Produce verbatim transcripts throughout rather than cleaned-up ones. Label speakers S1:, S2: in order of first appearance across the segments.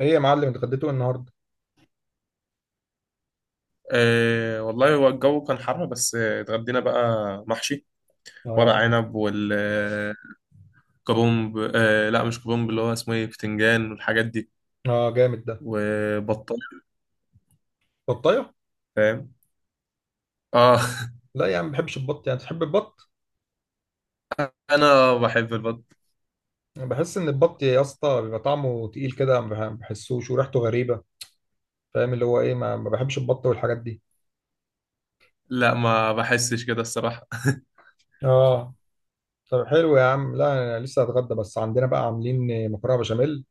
S1: ايه يا معلم، اتغديتوا إيه النهارده؟
S2: أه والله هو الجو كان حر بس آه، اتغدينا بقى محشي ورق
S1: اه.
S2: عنب والكرنب. أه لا، مش كرنب، اللي هو اسمه ايه، بتنجان والحاجات دي.
S1: اه، جامد ده.
S2: وبطل
S1: بطايه.
S2: فاهم. اه
S1: لا يا عم، ما بحبش البط، يعني تحب البط؟
S2: انا بحب البط.
S1: أنا بحس ان البط يا اسطى بيبقى طعمه تقيل كده، ما بح- بحسوش وريحته غريبه. فاهم اللي هو ايه، ما, ما بحبش البط والحاجات دي.
S2: لا، ما بحسش كده الصراحة.
S1: اه. طب حلو يا عم، لا أنا لسه هتغدى، بس عندنا بقى عاملين مكرونه بشاميل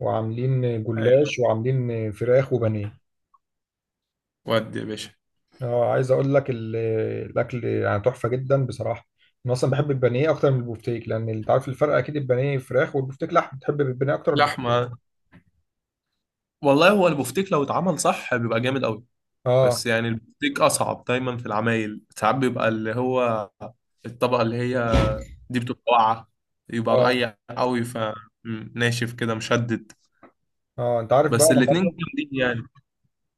S1: وعاملين
S2: أيوة.
S1: جلاش وعاملين فراخ وبانيه.
S2: ودي يا باشا؟
S1: اه، عايز اقول لك ال- الاكل يعني تحفه جدا بصراحه. انا اصلا بحب البانيه اكتر من البوفتيك، لان انت عارف الفرق اكيد، البانيه فراخ والبوفتيك لحم، بتحب البانيه اكتر؟
S2: لحمة. والله هو البفتيك لو اتعمل صح بيبقى جامد قوي.
S1: اه،
S2: بس يعني البفتيك اصعب دايما في العمايل، ساعات بيبقى اللي هو الطبقة اللي هي دي بتبقى واقعة، يبقى
S1: اه.
S2: رقيق قوي فناشف كده مشدد.
S1: اه، انت عارف بقى
S2: بس
S1: انا مره.
S2: الاتنين جامدين يعني.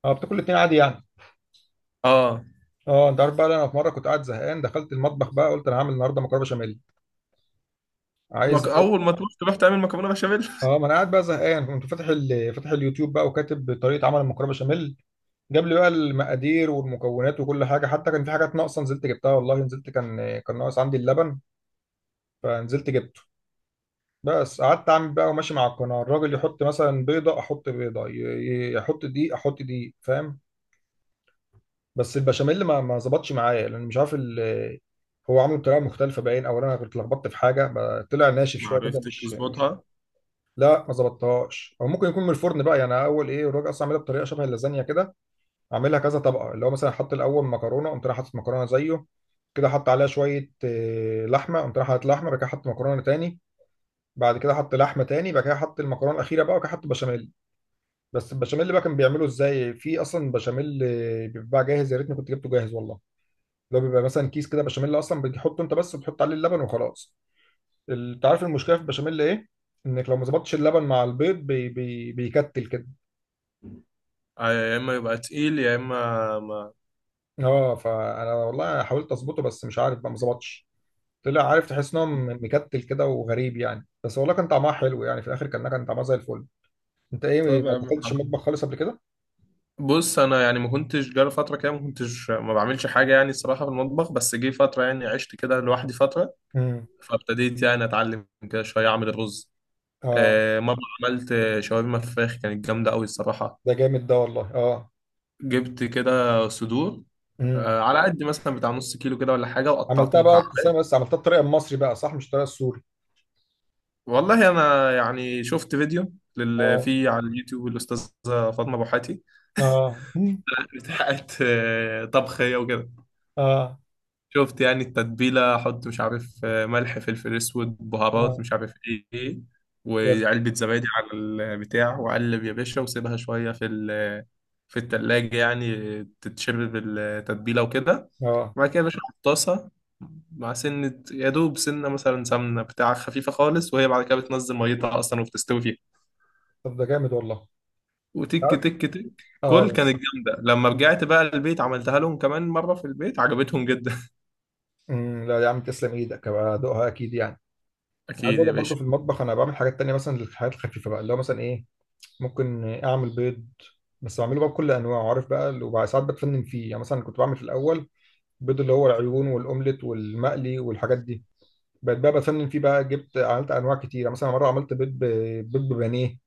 S1: اه، بتاكل الاتنين عادي يعني.
S2: اه.
S1: اه، انت عارف بقى انا في مره كنت قاعد زهقان، دخلت المطبخ بقى، قلت انا هعمل النهارده مكرونه بشاميل. عايز
S2: مك... اول
S1: أقول-
S2: ما تروح تروح تعمل مكرونة بشاميل.
S1: اه، ما انا قاعد بقى زهقان، كنت فاتح ال... فاتح اليوتيوب بقى وكاتب طريقه عمل المكرونه بشاميل. جاب لي بقى المقادير والمكونات وكل حاجه، حتى كان في حاجات ناقصه نزلت جبتها والله، نزلت، كان كان ناقص عندي اللبن. فنزلت جبته. بس قعدت اعمل بقى وماشي مع القناه، الراجل يحط مثلا بيضه احط بيضه، ي- ي- يحط دقيق احط دقيق، فاهم. بس البشاميل ما ما ظبطش معايا، لان مش عارف ال- هو عامله بطريقه مختلفه باين، او انا كنت لخبطت في حاجه بقى، طلع ناشف
S2: ما
S1: شويه كده
S2: عرفتش
S1: مش مش
S2: تظبطها.
S1: لا ما ظبطتهاش، او ممكن يكون من الفرن بقى، يعني أنا اول ايه، الراجل اصلا عاملها بطريقه شبه اللازانيا كده. عاملها كذا طبقه، اللي هو مثلا حط الاول مكرونه، قمت رايح حاطط مكرونه زيه كده، حط عليها شويه آه، لحمه، قمت رايح حاطط لحمه، بعد كده حط مكرونه تاني. بعد كده حط لحمه تاني، بعد كده حط المكرونه الاخيره بقى، وبعد كده حط بشاميل. بس البشاميل بقى كان بيعمله ازاي، في اصلا بشاميل آه، بيتباع جاهز، يا ريتني كنت جبته جاهز والله. اللي هو بيبقى مثلا كيس كده بشاميل اصلا، بتحطه انت بس وبتحط عليه اللبن وخلاص. ال- انت عارف المشكله في البشاميل ايه؟ انك لو ما ظبطتش اللبن مع البيض، بي بي بيكتل كده.
S2: آه، يا اما يبقى تقيل يا اما ما.
S1: اه، فانا والله حاولت اظبطه، بس مش عارف بقى، ما ظبطش. طلع عارف، تحس ان هو م- مكتل كده وغريب يعني، بس والله كان طعمها حلو يعني في الاخر، كان كان طعمها زي الفل. انت ايه،
S2: طب يا
S1: ما
S2: عم
S1: دخلتش
S2: حمد.
S1: المطبخ خالص قبل كده؟
S2: بص، انا يعني ما كنتش جالي فتره كده، ما كنتش ما بعملش حاجه يعني الصراحه في المطبخ، بس جه فتره يعني عشت كده لوحدي فتره.
S1: امم.
S2: فابتديت يعني اتعلم كده شويه اعمل الرز.
S1: اه،
S2: آه، مره عملت شاورما فراخ كانت جامده قوي الصراحه.
S1: ده جامد ده والله، اه.
S2: جبت كده صدور،
S1: امم.
S2: آه، على قد مثلا بتاع نص كيلو كده ولا حاجة، وقطعته
S1: عملتها بقى
S2: مكعبات.
S1: ابتسامة، بس عملتها الطريقه المصري بقى صح، مش الطريقه السوري.
S2: والله أنا يعني شفت فيديو لل...
S1: اه،
S2: في على اليوتيوب، الأستاذة فاطمة بوحاتي
S1: اه، مم.
S2: بتاعت آه، طبخ هي وكده.
S1: اه،
S2: شفت يعني التتبيلة، أحط مش عارف آه، ملح، فلفل أسود، بهارات،
S1: اه.
S2: مش عارف إيه، وعلبة زبادي على البتاع، وأقلب يا باشا وسيبها شوية في ال... في التلاجة يعني تتشرب التتبيلة وكده.
S1: اه،
S2: وبعد كده يا باشا في طاسة مع سنة، يا دوب سنة مثلا سمنة بتاع خفيفة خالص، وهي بعد كده بتنزل ميتها أصلا وبتستوي فيها،
S1: طب ده جامد والله.
S2: وتك
S1: عارف؟
S2: تك تك.
S1: اه،
S2: كل كانت
S1: بس.
S2: جامدة، لما رجعت بقى البيت عملتها لهم كمان مرة في البيت عجبتهم جدا.
S1: امم، لا يا عم، تسلم ايدك، هبقى ادوقها اكيد يعني. أنا عايز
S2: أكيد
S1: اقول
S2: يا
S1: لك برضه
S2: باشا.
S1: في المطبخ انا بعمل حاجات تانية، مثلا للحاجات الخفيفه بقى، اللي هو مثلا ايه. ممكن اعمل بيض. بس بعمله بقى بكل انواعه، عارف بقى اللي- وبعد ساعات بتفنن فيه يعني، مثلا كنت بعمل في الاول بيض اللي هو العيون والاومليت والمقلي والحاجات دي. بقيت بقى بتفنن فيه بقى، جبت عملت انواع كتيره، مثلا مره عملت بيض ب... بيض ببانيه.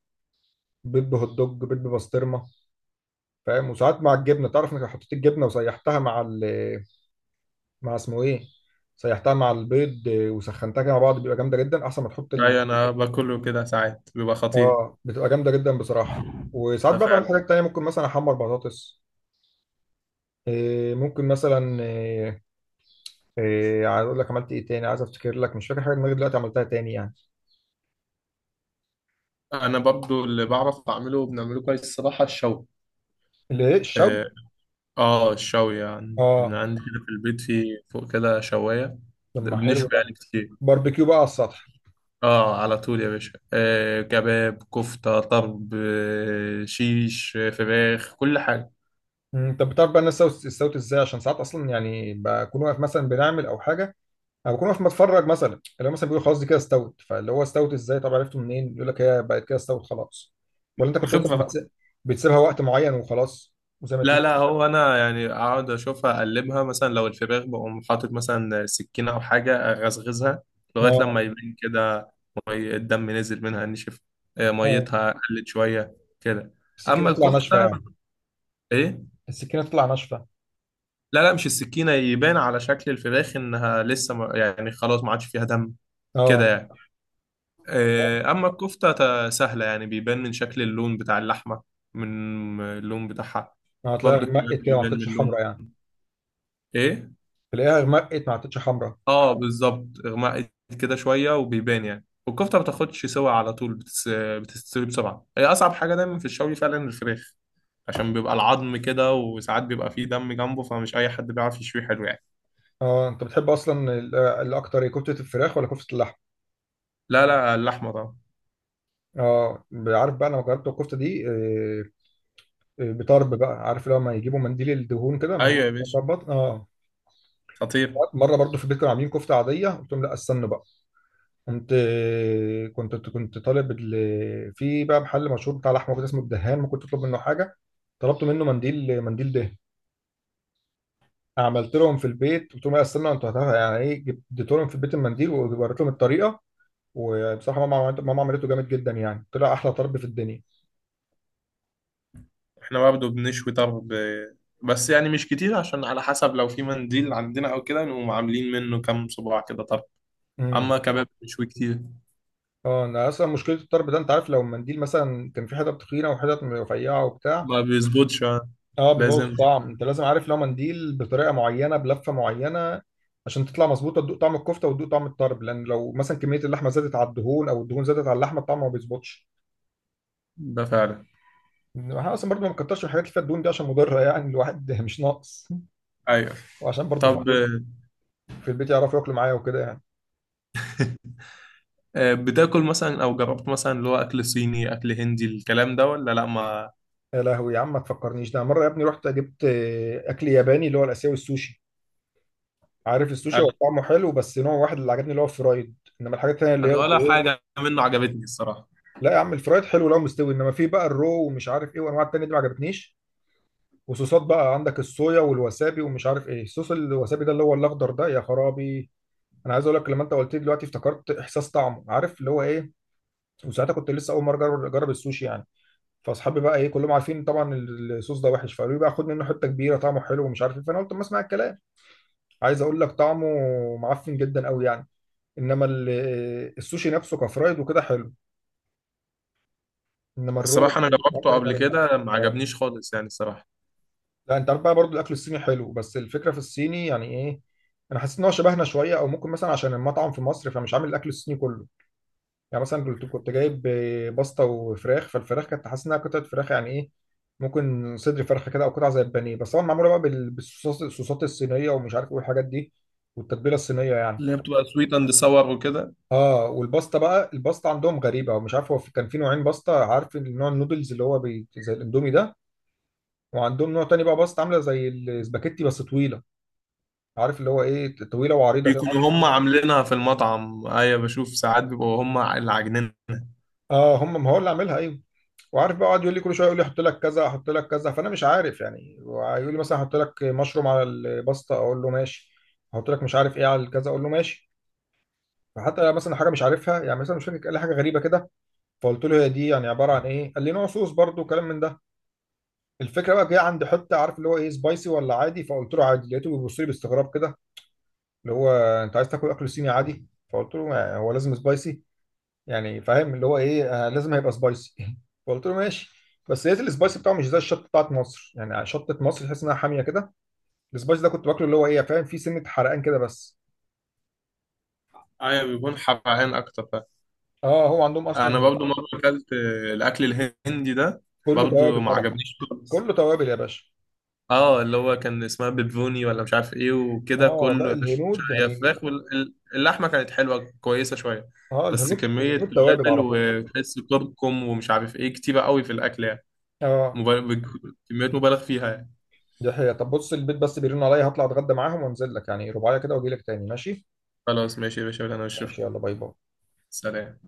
S1: بيض بهوت دوج، بيض ببسطرمه. فاهم، وساعات مع الجبنه، تعرف انك لو حطيت الجبنه وسيحتها مع ال... مع اسمه ايه، سيحتها مع البيض آه، وسخنتها كده مع بعض بيبقى جامده جدا، احسن ما تحط ال...
S2: أيوة، أنا باكله كده ساعات بيبقى خطير.
S1: اه، بتبقى جامده جدا بصراحه. وساعات
S2: ده
S1: بقى بعمل
S2: فعلا.
S1: حاجات تانية، ممكن مثلا احمر بطاطس. آه، ممكن مثلا. آه، آه، عايز اقول لك عملت ايه تاني، عايز افتكر لك، مش فاكر حاجه دماغي دلوقتي عملتها تاني يعني.
S2: أنا برضو اللي بعرف أعمله وبنعمله كويس الصراحة الشوي.
S1: اللي ايه، الشوي؟
S2: آه. آه، الشوي يعني كان
S1: اه،
S2: عندي كده في البيت في فوق كده شواية.
S1: طب
S2: ده
S1: ما حلو
S2: بنشوي
S1: ده.
S2: يعني كتير.
S1: باربيكيو بقى على السطح.
S2: اه، على طول يا باشا، آه كباب، كفتة، طرب، آه شيش، آه، فراخ، كل حاجة.
S1: مم، طب بتعرف بقى الناس استوت استوت ازاي، عشان ساعات اصلا يعني بكون واقف مثلا بنعمل او حاجه. انا بكون واقف بتفرج، مثلا اللي هو مثلا بيقول خلاص دي كده استوت، فاللي هو استوت ازاي، طب عرفته منين؟ يقول لك هي بقت كده استوت خلاص. ولا انت كنت مثلا
S2: الخبرة بقى.
S1: بتس... بتسيبها وقت معين وخلاص. وزي ما
S2: لا
S1: تيجي.
S2: لا، هو انا يعني اقعد اشوفها اقلبها، مثلا لو الفراخ بقوم حاطط مثلا سكينة او حاجة اغزغزها لغاية
S1: اه،
S2: لما يبين كده مي الدم نزل منها نشف. آه،
S1: اه،
S2: ميتها قلت شوية كده.
S1: السكينه
S2: اما
S1: تطلع ناشفه
S2: الكفتة،
S1: يعني؟
S2: ايه.
S1: السكينه تطلع ناشفه.
S2: لا لا، مش السكينة، يبان على شكل الفراخ انها لسه ما- يعني خلاص ما عادش فيها دم كده
S1: اه،
S2: يعني.
S1: اه،
S2: آه، أما الكفتة تا- سهلة يعني، بيبان من شكل اللون بتاع اللحمة، من اللون بتاعها.
S1: هتلاقيها
S2: برضه
S1: غمقت
S2: الكباب
S1: كده، ما
S2: بيبان من
S1: عطتش
S2: اللون.
S1: حمرا يعني.
S2: إيه؟
S1: تلاقيها غمقت ما عطتش حمرا.
S2: آه، بالظبط إغماء كده شوية وبيبان يعني. والكفتة ما بتاخدش سوا، على طول بتس... بتستوي بسرعة. هي أصعب حاجة دايما في الشوي فعلا الفراخ، عشان بيبقى العظم كده وساعات بيبقى فيه دم جنبه، فمش أي حد بيعرف يشوي حلو يعني.
S1: اه، انت بتحب اصلا ال- الاكتر إيه، كفته الفراخ ولا كفته اللحم؟
S2: لا لا، اللحمة طبعا.
S1: اه، عارف بقى انا جربت الكفته دي آه، آه، بطرب بقى، عارف لما يجيبوا منديل الدهون كده، منديل
S2: أيوة يا
S1: الدهون
S2: باشا،
S1: بتاع البطن اه.
S2: خطير.
S1: مره برضو في البيت كانوا عاملين كفته عاديه، قلت لهم لا استنوا بقى. قمت. كنت كنت طالب ال- في بقى محل مشهور بتاع لحمه كده اسمه الدهان، ممكن تطلب منه حاجه. طلبت منه منديل، منديل دهان. عملت لهم في البيت، قلت لهم لا استنوا، انتوا هتعرفوا يعني ايه، جبت- اديت لهم في البيت المنديل ووريت لهم الطريقه. وبصراحه ماما عملت- ماما عملته جامد جدا يعني، طلع احلى طرب في الدنيا.
S2: احنا برضه بنشوي طرب آه، بس يعني مش كتير، عشان على حسب لو في منديل عندنا او كده نقوم عاملين منه كام صباع كده طرب. اما
S1: امم.
S2: كباب بنشوي كتير.
S1: اه، انا اصلا مشكله الطرب ده، انت عارف لو المنديل مثلا كان في حتت تخينه وحتت رفيعه وبتاع.
S2: ما بيظبطش آه،
S1: اه، بيبوظ
S2: لازم.
S1: الطعم، انت لازم عارف لو منديل بطريقه معينه بلفه معينه. عشان تطلع مظبوطه، تدوق طعم الكفته وتدوق طعم الطرب، لان لو مثلا كميه اللحمه زادت على الدهون او الدهون زادت على اللحمه، الطعم ما بيظبطش.
S2: ده فعلا.
S1: احنا اصلا برضو ما نكترش من الحاجات اللي فيها الدهون دي، عشان مضره يعني الواحد مش ناقص.
S2: ايوه.
S1: وعشان برضو في
S2: طب آه،
S1: البيت، في البيت يعرفوا ياكلوا معايا وكده يعني.
S2: آه، بتاكل مثلا او جربت مثلا اللي هو اكل صيني، اكل هندي، الكلام ده ولا لا ما
S1: يا لهوي يا عم، ما تفكرنيش، ده مره يا ابني رحت جبت آه، اكل ياباني اللي هو الاسيوي، السوشي. عارف السوشي، هو
S2: انا.
S1: طعمه حلو بس نوع واحد اللي عجبني اللي هو الفرايد. انما الحاجات التانيه اللي هي.
S2: أنا ولا حاجه منه عجبتني الصراحه.
S1: لا يا عم، الفرايد حلو لو مستوي، انما في بقى الرو ومش عارف ايه، وانواع التانية دي ما عجبتنيش. وصوصات بقى عندك الصويا والوسابي ومش عارف ايه، صوص الوسابي ده اللي هو الاخضر ده يا خرابي. انا عايز اقول لك، لما انت قلت لي دلوقتي افتكرت احساس طعمه، عارف اللي هو ايه. وساعتها كنت لسه اول مره اجرب أجرب السوشي يعني. فاصحابي بقى ايه، كلهم عارفين طبعا. الصوص ده وحش، فقالوا لي بقى خد منه حته كبيره طعمه حلو ومش عارف ايه، فانا قلت ما اسمع الكلام. عايز اقول لك طعمه معفن جدا قوي يعني. انما ال- السوشي نفسه كفرايد وكده حلو. انما الرو
S2: الصراحه انا
S1: والحاجات
S2: جربته
S1: التانية ما
S2: قبل
S1: عجبتنيش.
S2: كده ما
S1: آه.
S2: عجبنيش خالص يعني الصراحه.
S1: لا، انت عارف بقى برضو الاكل الصيني حلو، بس الفكره في الصيني يعني ايه. انا حسيت ان هو شبهنا شويه، او ممكن مثلا عشان المطعم في مصر، فمش عامل الاكل الصيني كله. يعني مثلا كنت كنت جايب باستا وفراخ، فالفراخ كانت حاسس انها قطعه فراخ يعني ايه. ممكن صدر فرخه كده، او قطعه زي البانيه بس طبعا معموله بقى بال- بالصوصات الصوصات الصينيه ومش عارف ايه الحاجات دي. والتتبيله الصينيه يعني.
S2: اللي هي بتبقى سويت اند ساور وكده.
S1: اه، والباستا بقى، الباستا عندهم غريبه، ومش عارف هو في- كان في نوعين باستا، عارف النوع النودلز اللي هو بي... زي الاندومي ده. وعندهم نوع تاني بقى، باستا عامله زي الاسباجيتي بس طويله. عارف اللي هو ايه، طويله وعريضه كده معرفش.
S2: بيكونوا هم عاملينها في المطعم، ايوه بشوف ساعات بيبقوا هم اللي عاجنين.
S1: اه هم، ما هو اللي عاملها ايوه. وعارف بقى قعد يقول لي كل شويه، يقول لي احط لك كذا احط لك كذا، فانا مش عارف يعني، ويقول لي مثلا احط لك مشروم على الباستا اقول له ماشي. احط لك مش عارف ايه على الكذا اقول له ماشي. فحتى مثلا حاجه مش عارفها يعني، مثلا مش فاكر، قال لي حاجه غريبه كده. فقلت له هي دي يعني عباره عن ايه، قال لي نوع صوص برضو كلام من ده. الفكره بقى جايه عند حته عارف اللي هو ايه، سبايسي ولا عادي، فقلت له عادي، لقيته بيبص لي باستغراب كده. اللي هو، انت عايز تاكل اكل صيني عادي؟ فقلت له ما هو لازم سبايسي. يعني فاهم اللي هو ايه آه لازم هيبقى سبايسي فقلت له ماشي. بس لقيت السبايسي بتاعه مش زي الشطه بتاعت مصر، يعني شطه مصر تحس انها حاميه كده. السبايسي ده كنت باكله اللي هو ايه فاهم، فيه سنه حرقان كده بس.
S2: ايوه، بيكون حبعين اكتر فعلا.
S1: اه، هو عندهم اصلا
S2: انا برضو مره اكلت الاكل الهندي ده.
S1: كله
S2: برضو
S1: توابل
S2: ما
S1: طبعا.
S2: عجبنيش خالص.
S1: كله توابل يا باشا.
S2: اه، اللي هو كان اسمها بيبوني ولا مش عارف ايه وكده،
S1: اه،
S2: كله
S1: لا
S2: يا باشا.
S1: الهنود
S2: هي فراخ
S1: يعني.
S2: واللحمه كانت حلوه كويسه شويه،
S1: اه،
S2: بس
S1: الهنود
S2: كميه
S1: الهنود توابل
S2: توابل،
S1: على طول.
S2: وتحس كركم ومش عارف ايه كتيره قوي في الاكل يعني.
S1: اه.
S2: مبالغ، كميات مبالغ فيها يعني.
S1: دي حقيقة، طب بص البيت بس بيرن عليا، هطلع اتغدى معاهم وانزل لك يعني رباعية كده واجي لك تاني ماشي.
S2: خلاص ماشي يا باشا، ولا انا
S1: ماشي،
S2: اشوفك.
S1: يلا باي باي.
S2: سلام.